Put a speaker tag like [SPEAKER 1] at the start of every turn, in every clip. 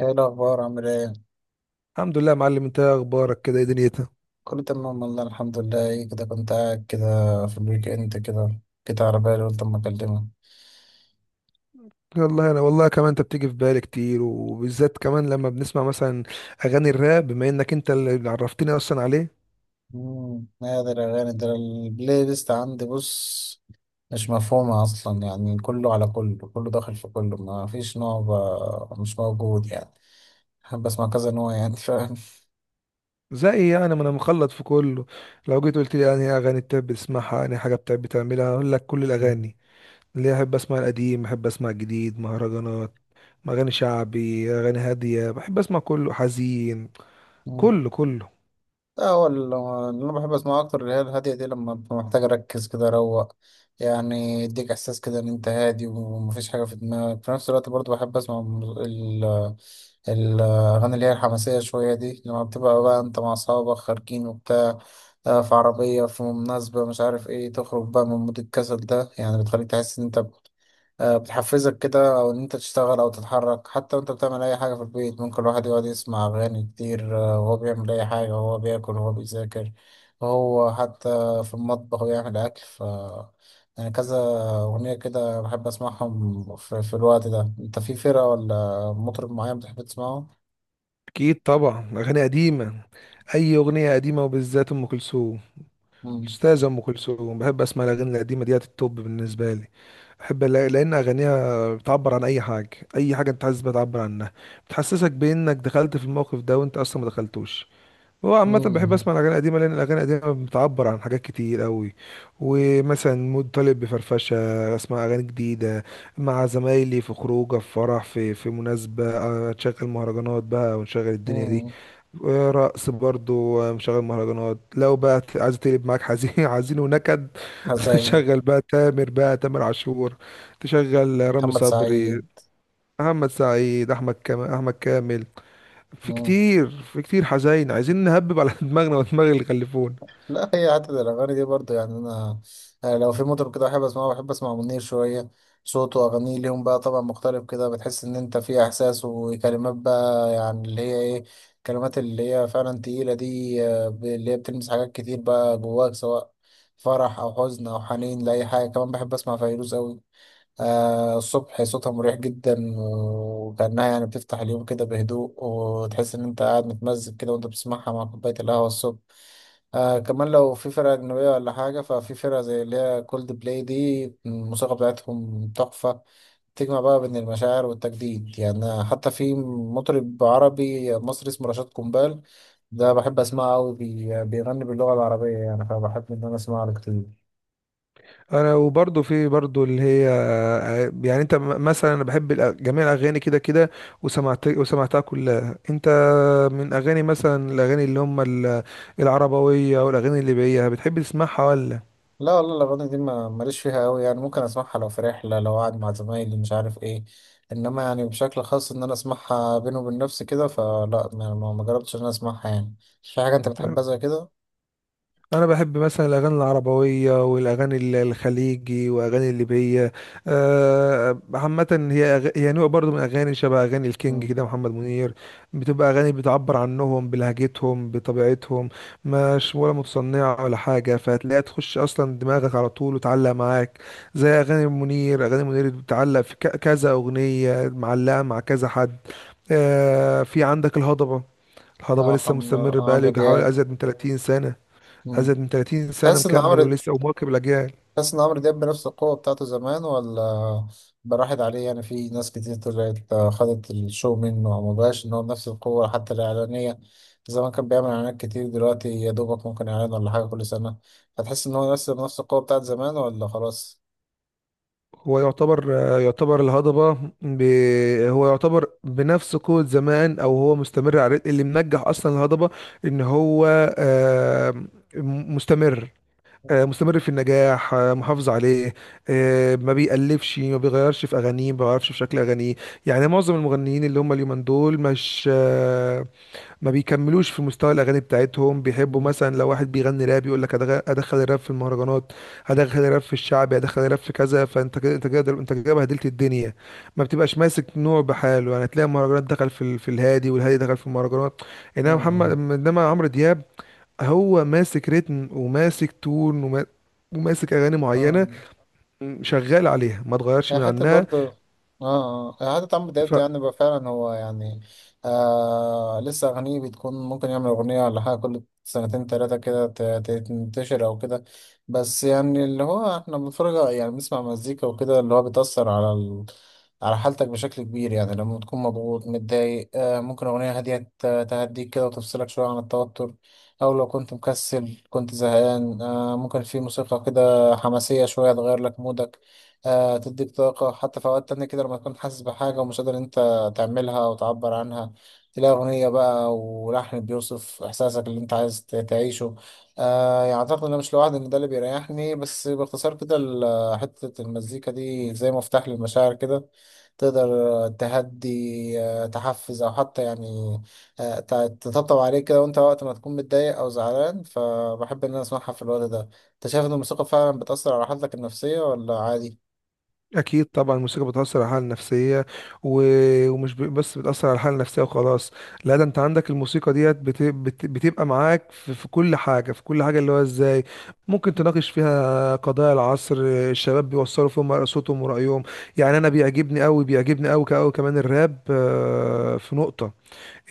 [SPEAKER 1] ايه الاخبار؟ عامل ايه؟
[SPEAKER 2] الحمد لله يا معلم، انت ايه اخبارك كده؟ ايه دنيتك؟
[SPEAKER 1] كله تمام والله، الحمد لله. ايه كده، كنت قاعد كده في الويك اند كده، كده على بالي، قلت اما اكلمك.
[SPEAKER 2] والله انا، والله كمان انت بتيجي في بالي كتير، وبالذات كمان لما بنسمع مثلا اغاني الراب، بما انك انت اللي عرفتني اصلا عليه.
[SPEAKER 1] هذا الاغاني ده البلاي ليست عندي، بص مش مفهومه اصلا، يعني كله على كله، كله داخل في كله، ما فيش نوع، مش موجود يعني. بحب اسمع كذا نوع، يعني فاهم.
[SPEAKER 2] زي ما انا مخلط في كله. لو جيت قلت لي انهي اغاني بتحب تسمعها، انهي حاجه بتحب تعملها، هقول لك كل الاغاني اللي احب. اسمع القديم، احب اسمع الجديد، مهرجانات، اغاني شعبي، اغاني هاديه، بحب اسمع كله، حزين،
[SPEAKER 1] مم.
[SPEAKER 2] كله كله.
[SPEAKER 1] لا هو ال- اللي انا بحب اسمعه اكتر اللي هي الهاديه دي، لما ببقى محتاج اركز كده اروق، يعني يديك احساس كده ان انت هادي ومفيش حاجه في دماغك. في نفس الوقت برضو بحب اسمع الاغاني اللي هي الحماسيه شويه دي، لما بتبقى بقى انت مع اصحابك خارجين وبتاع، في عربيه، في مناسبه، مش عارف ايه، تخرج بقى من مود الكسل ده، يعني بتخليك تحس ان انت، بتحفزك كده، او ان انت تشتغل او تتحرك. حتى وانت بتعمل اي حاجه في البيت، ممكن الواحد يقعد يسمع اغاني كتير، وهو بيعمل اي حاجه، وهو بياكل، وهو بيذاكر، وهو حتى في المطبخ بيعمل اكل. ف يعني كذا اغنيه كده بحب اسمعهم في الوقت ده. انت في فرقه ولا مطرب معين بتحب تسمعه؟
[SPEAKER 2] اكيد طبعا اغاني قديمه، اي اغنيه قديمه وبالذات ام كلثوم.
[SPEAKER 1] امم.
[SPEAKER 2] أستاذة أم كلثوم، بحب أسمع الأغاني القديمة ديت، التوب بالنسبة لي. أحب لأن أغانيها بتعبر عن أي حاجة، أي حاجة أنت حاسس بتعبر عنها، بتحسسك بأنك دخلت في الموقف ده وأنت أصلا ما دخلتوش. هو عامة بحب
[SPEAKER 1] امم.
[SPEAKER 2] أسمع الأغاني القديمة، لأن الأغاني القديمة بتعبر عن حاجات كتير أوي. ومثلا مود طالب بفرفشة، أسمع أغاني جديدة مع زمايلي في خروجه، في فرح، في مناسبة، أشغل مهرجانات بقى ونشغل الدنيا دي.
[SPEAKER 1] امم.
[SPEAKER 2] رقص برضو مشغل مهرجانات. لو بقى عايز تقلب معاك حزين، حزين ونكد،
[SPEAKER 1] زي
[SPEAKER 2] شغل بقى تامر، بقى تامر عاشور، تشغل رامي
[SPEAKER 1] محمد
[SPEAKER 2] صبري،
[SPEAKER 1] سعيد.
[SPEAKER 2] محمد سعيد، احمد كامل، احمد كامل. في كتير، في كتير حزين، عايزين نهبب على دماغنا ودماغ اللي خلفونا.
[SPEAKER 1] لا، هي حتة الأغاني دي برضه يعني أنا، لو في مطرب كده بحب أسمعه، بحب أسمع منير شوية. صوته وأغانيه ليهم بقى طبعا مختلف كده، بتحس إن أنت في إحساس وكلمات، بقى يعني اللي هي إيه، الكلمات اللي هي فعلا تقيلة دي، اللي هي بتلمس حاجات كتير بقى جواك، سواء فرح أو حزن أو حنين لأي حاجة. كمان بحب أسمع فيروز أوي، آه، الصبح. صوتها مريح جدا، وكأنها يعني بتفتح اليوم كده بهدوء، وتحس إن أنت قاعد متمزج كده وأنت بتسمعها مع كوباية القهوة الصبح. آه كمان، لو في فرقة أجنبية ولا حاجة، ففي فرقة زي اللي هي كولد بلاي دي، الموسيقى بتاعتهم تحفة، تجمع بقى بين المشاعر والتجديد. يعني حتى في مطرب عربي مصري اسمه رشاد قنبال، ده بحب أسمعه أوي، بيغني باللغة العربية، يعني فبحب إن أنا أسمعه له كتير.
[SPEAKER 2] انا وبرضه في برضه اللي هي، يعني انت مثلا، انا بحب جميع الاغاني كده كده، وسمعتها كلها انت. من اغاني مثلا، الاغاني اللي هم العربويه والاغاني الليبيه، بتحب تسمعها ولا؟
[SPEAKER 1] لا والله الأغاني دي ماليش فيها أوي، يعني ممكن أسمعها لو في رحلة، لو قاعد مع زمايلي، مش عارف إيه. إنما يعني بشكل خاص إن أنا أسمعها بيني وبين نفسي كده، فلا، ما جربتش إن أنا أسمعها يعني. في حاجة أنت بتحبها زي كده؟
[SPEAKER 2] انا بحب مثلا الاغاني العربويه والاغاني الخليجي واغاني الليبيه. عامه هي هي نوع برضو من اغاني، شبه اغاني الكينج
[SPEAKER 1] مم.
[SPEAKER 2] كده، محمد منير. بتبقى اغاني بتعبر عنهم بلهجتهم، بطبيعتهم، مش ولا متصنعه ولا حاجه، فهتلاقيها تخش اصلا دماغك على طول وتعلق معاك. زي اغاني منير، اغاني منير بتعلق في كذا اغنيه، معلقه مع كذا حد. في عندك الهضبة.
[SPEAKER 1] اه
[SPEAKER 2] الهضبة لسه
[SPEAKER 1] محمد
[SPEAKER 2] مستمر، بقاله
[SPEAKER 1] عمرو
[SPEAKER 2] يجي
[SPEAKER 1] دياب.
[SPEAKER 2] حوالي أزيد من 30 سنة.
[SPEAKER 1] مم.
[SPEAKER 2] أزيد من 30 سنة
[SPEAKER 1] تحس ان
[SPEAKER 2] مكمل
[SPEAKER 1] عمرو
[SPEAKER 2] ولسه ومواكب الأجيال.
[SPEAKER 1] تحس ان عمرو دياب بنفس القوة بتاعته زمان ولا براحت عليه؟ يعني في ناس كتير طلعت، خدت الشو منه، وما بقاش ان هو بنفس القوة. حتى الإعلانية، زمان كان بيعمل إعلانات كتير، دلوقتي يا دوبك ممكن إعلان ولا حاجة كل سنة. هتحس ان هو نفس بنفس القوة بتاعت زمان ولا خلاص؟
[SPEAKER 2] هو يعتبر، يعتبر الهضبة ب... هو يعتبر بنفس قوة زمان، أو هو مستمر على الريت اللي منجح أصلا الهضبة. إن هو آه، مستمر، مستمر في النجاح، محافظ عليه. ما بيألفش، ما بيغيرش في أغانيه، ما بيغيرش في شكل أغانيه. يعني معظم المغنيين اللي هم اليومين دول، مش آه، ما بيكملوش في مستوى الاغاني بتاعتهم. بيحبوا
[SPEAKER 1] مم.
[SPEAKER 2] مثلا لو واحد بيغني راب يقول لك ادخل الراب في المهرجانات، هدخل الراب في الشعبي، هدخل الراب في كذا، فانت كده، انت كده، انت كده بهدلت الدنيا، ما بتبقاش ماسك نوع بحاله. يعني تلاقي المهرجانات دخل في الهادي، والهادي دخل في المهرجانات.
[SPEAKER 1] مم.
[SPEAKER 2] انما محمد
[SPEAKER 1] مم.
[SPEAKER 2] انما عمرو دياب، هو ماسك ريتم وماسك تون، وماسك اغاني
[SPEAKER 1] آه.
[SPEAKER 2] معينه، شغال عليها، ما اتغيرش
[SPEAKER 1] هي
[SPEAKER 2] من
[SPEAKER 1] حتة
[SPEAKER 2] عنها.
[SPEAKER 1] برضه، اه اه هي حتة عمرو دياب ده، يعني بقى فعلا هو يعني، آه لسه أغانيه بتكون، ممكن يعمل أغنية ولا حاجة كل سنتين تلاتة كده تنتشر أو كده. بس يعني اللي هو احنا بنتفرج، يعني بنسمع مزيكا وكده، اللي هو بتأثر على ال، على حالتك بشكل كبير. يعني لما تكون مضغوط متضايق، آه ممكن أغنية هادية تهديك كده وتفصلك شوية عن التوتر. أو لو كنت مكسل كنت زهقان، آه ممكن في موسيقى كده حماسية شوية تغير لك مودك، تديك طاقة. حتى في أوقات تانية كده لما تكون حاسس بحاجة ومش قادر أنت تعملها وتعبر عنها، تلاقي أغنية بقى ولحن بيوصف إحساسك اللي أنت عايز تعيشه. آه يعني أعتقد إن أنا مش لوحدي إن ده اللي بيريحني. بس باختصار كده حتة المزيكا دي زي مفتاح للمشاعر كده، تقدر تهدي، تحفز، أو حتى يعني، آه، ت- تطبطب عليك كده، وأنت وقت ما تكون متضايق أو زعلان فبحب إن أنا أسمعها في الوقت ده. أنت شايف إن الموسيقى فعلا بتأثر على حالتك النفسية ولا عادي؟
[SPEAKER 2] أكيد طبعا الموسيقى بتأثر على الحالة النفسية. و... ومش بس بتأثر على الحالة النفسية وخلاص. لا، ده أنت عندك الموسيقى ديت بتبقى معاك في كل حاجة، في كل حاجة، اللي هو إزاي ممكن تناقش فيها قضايا العصر. الشباب بيوصلوا فيهم صوتهم ورأيهم. يعني أنا بيعجبني أوي، بيعجبني أوي أوي كمان الراب. في نقطة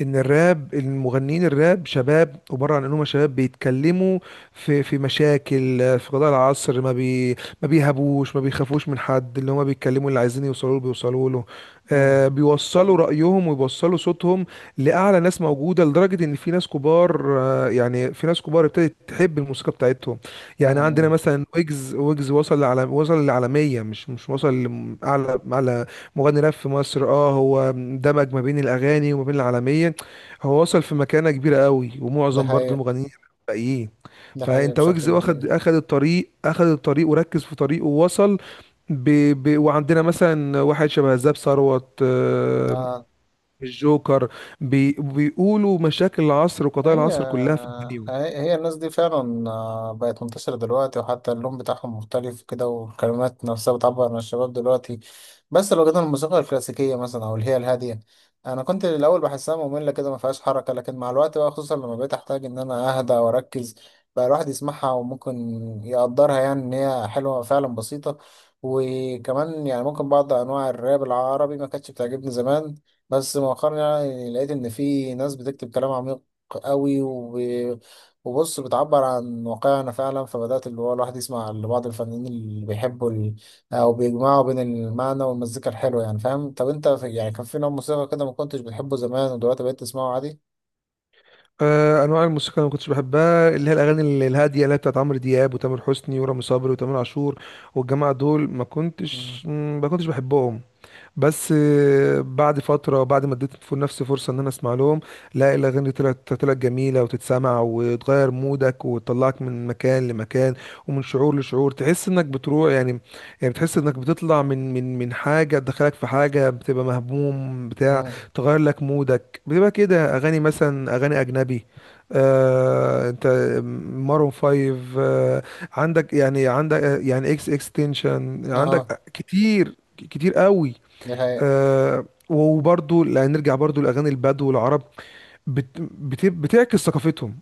[SPEAKER 2] ان الراب، المغنيين الراب شباب، عباره عن انهم شباب بيتكلموا في مشاكل، في قضايا العصر. ما بيهابوش، ما بيخافوش من حد. اللي هما بيتكلموا، اللي عايزين يوصلوا له بيوصلوا له. آه
[SPEAKER 1] مم.
[SPEAKER 2] بيوصلوا رايهم ويوصلوا صوتهم لاعلى ناس موجوده، لدرجه ان في ناس كبار، آه يعني في ناس كبار ابتدت تحب الموسيقى بتاعتهم. يعني عندنا
[SPEAKER 1] مم.
[SPEAKER 2] مثلا ويجز، ويجز وصل لعالم، وصل للعالميه، مش وصل لاعلى، اعلى مغني راب في مصر. اه هو دمج ما بين الاغاني وما بين العالميه. هو وصل في مكانه كبيره قوي،
[SPEAKER 1] ده
[SPEAKER 2] ومعظم برضو
[SPEAKER 1] حقيقة.
[SPEAKER 2] المغنيين الباقيين.
[SPEAKER 1] ده حقيقة
[SPEAKER 2] فانت
[SPEAKER 1] بشكل
[SPEAKER 2] ويجز واخد،
[SPEAKER 1] كبير.
[SPEAKER 2] اخد الطريق، اخد الطريق وركز في طريقه ووصل. ب... وعندنا مثلا واحد شبه زاب ثروت،
[SPEAKER 1] آه.
[SPEAKER 2] الجوكر، بيقولوا مشاكل العصر وقضايا
[SPEAKER 1] هي
[SPEAKER 2] العصر كلها في اغانيهم.
[SPEAKER 1] هي هي الناس دي فعلا، بقت منتشرة دلوقتي، وحتى اللون بتاعهم مختلف كده، والكلمات نفسها بتعبر عن الشباب دلوقتي. بس لو جينا الموسيقى الكلاسيكية مثلا، أو اللي هي الهادية، أنا كنت الأول بحسها مملة كده، ما فيهاش حركة، لكن مع الوقت بقى، خصوصا لما بقيت أحتاج إن أنا أهدى وأركز، بقى الواحد يسمعها وممكن يقدرها، يعني إن هي حلوة فعلا بسيطة. وكمان يعني ممكن بعض أنواع الراب العربي ما كانتش بتعجبني زمان، بس مؤخرا يعني لقيت إن في ناس بتكتب كلام عميق قوي، وبص بتعبر عن واقعنا فعلا، فبدأت اللي هو الواحد يسمع لبعض الفنانين اللي بيحبوا ال، أو بيجمعوا بين المعنى والمزيكا الحلوة، يعني فاهم. طب أنت في، يعني كان في نوع موسيقى كده ما كنتش بتحبه زمان ودلوقتي بقيت تسمعه عادي؟
[SPEAKER 2] انواع الموسيقى اللي ما كنتش بحبها، اللي هي الاغاني الهاديه، اللي هي بتاعت عمرو دياب وتامر حسني ورامي صبري وتامر عاشور والجماعه دول. ما
[SPEAKER 1] مم.
[SPEAKER 2] كنتش، ما كنتش بحبهم. بس بعد فترة، بعد ما اديت نفسي فرصة ان انا اسمع لهم، لا الاغاني طلعت، طلعت جميلة وتتسمع وتغير مودك وتطلعك من مكان لمكان، ومن شعور لشعور، تحس انك بتروح يعني. يعني بتحس انك بتطلع من حاجة تدخلك في حاجة، بتبقى مهموم بتاع،
[SPEAKER 1] مم.
[SPEAKER 2] تغير لك مودك، بتبقى كده. اغاني مثلا اغاني اجنبي، آه انت، مارون فايف، آه عندك، يعني عندك، يعني اكستنشن،
[SPEAKER 1] اه،
[SPEAKER 2] عندك كتير كتير قوي.
[SPEAKER 1] ده حقيقة.
[SPEAKER 2] آه وبرضو، لا نرجع برضو لأغاني البدو والعرب، بت بت بتعكس ثقافتهم،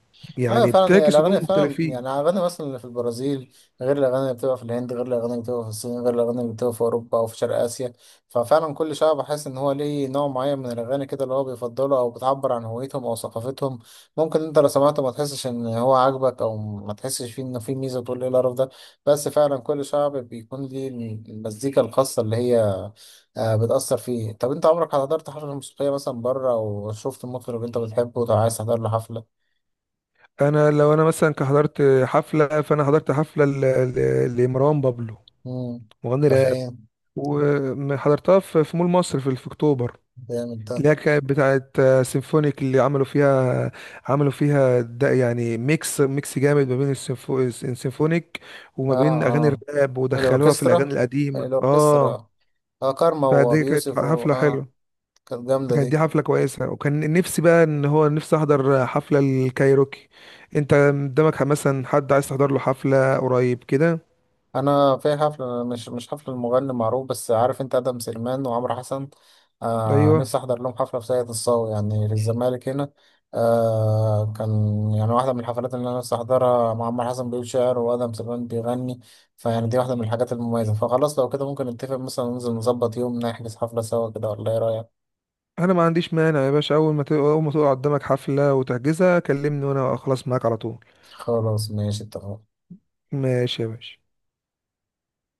[SPEAKER 1] اه
[SPEAKER 2] يعني
[SPEAKER 1] فعلا هي
[SPEAKER 2] بتعكس
[SPEAKER 1] الاغاني،
[SPEAKER 2] إنهم
[SPEAKER 1] فعلا يعني
[SPEAKER 2] مختلفين.
[SPEAKER 1] الاغاني مثلا اللي في البرازيل غير الاغاني اللي بتبقى في الهند، غير الاغاني اللي بتبقى في الصين، غير الاغاني اللي بتبقى في اوروبا او في شرق اسيا. ففعلا كل شعب بحس ان هو ليه نوع معين من الاغاني كده اللي هو بيفضله، او بتعبر عن هويتهم او ثقافتهم. ممكن انت لو سمعته ما تحسش ان هو عاجبك، او ما تحسش فيه ان فيه ميزه، تقول ايه القرف ده، بس فعلا كل شعب بيكون ليه المزيكا الخاصه اللي هي، بتأثر فيه. طب انت عمرك حضرت حفلة موسيقية مثلا بره وشفت المطرب اللي انت بتحبه وعايز تحضر له حفلة؟
[SPEAKER 2] أنا لو أنا مثلا حضرت حفلة، فأنا حضرت حفلة لمروان بابلو،
[SPEAKER 1] امم.
[SPEAKER 2] مغني
[SPEAKER 1] انت
[SPEAKER 2] راب،
[SPEAKER 1] فاهم.
[SPEAKER 2] وحضرتها في مول مصر في أكتوبر.
[SPEAKER 1] جامد ده.
[SPEAKER 2] اللي هي كانت بتاعت سيمفونيك، اللي عملوا فيها، عملوا فيها ده يعني ميكس جامد ما بين السيمفونيك وما بين
[SPEAKER 1] اه
[SPEAKER 2] أغاني
[SPEAKER 1] اه،
[SPEAKER 2] الراب، ودخلوها في
[SPEAKER 1] الاوركسترا،
[SPEAKER 2] الأغاني القديمة، اه.
[SPEAKER 1] الاوركسترا، اه كارما
[SPEAKER 2] فدي
[SPEAKER 1] وابي
[SPEAKER 2] كانت
[SPEAKER 1] يوسف و،
[SPEAKER 2] حفلة
[SPEAKER 1] اه
[SPEAKER 2] حلوة
[SPEAKER 1] كانت جامده
[SPEAKER 2] فكانت دي
[SPEAKER 1] دي.
[SPEAKER 2] حفلة كويسة، وكان نفسي بقى ان هو، نفسي احضر حفلة الكايروكي. انت قدامك مثلا حد عايز تحضر له حفلة قريب كده؟
[SPEAKER 1] انا في حفله، مش مش حفله، المغني معروف بس، عارف انت ادم سليمان وعمرو حسن، آه
[SPEAKER 2] ايوه،
[SPEAKER 1] نفسي احضر لهم حفله في ساقية الصاوي يعني في الزمالك هنا. آه كان، يعني واحده من الحفلات اللي انا نفسي احضرها، مع عمرو حسن بيقول شعر وادم سليمان بيغني، فيعني دي واحده من الحاجات المميزه. فخلاص لو كده ممكن نتفق مثلا، ننزل نظبط يوم نحجز حفله سوا كده، ولا ايه رايك؟
[SPEAKER 2] انا ما عنديش مانع يا باشا، اول ما تقع قدامك حفلة وتحجزها كلمني وانا اخلص معاك على طول.
[SPEAKER 1] خلاص، ماشي، اتفقنا.
[SPEAKER 2] ماشي يا باشا.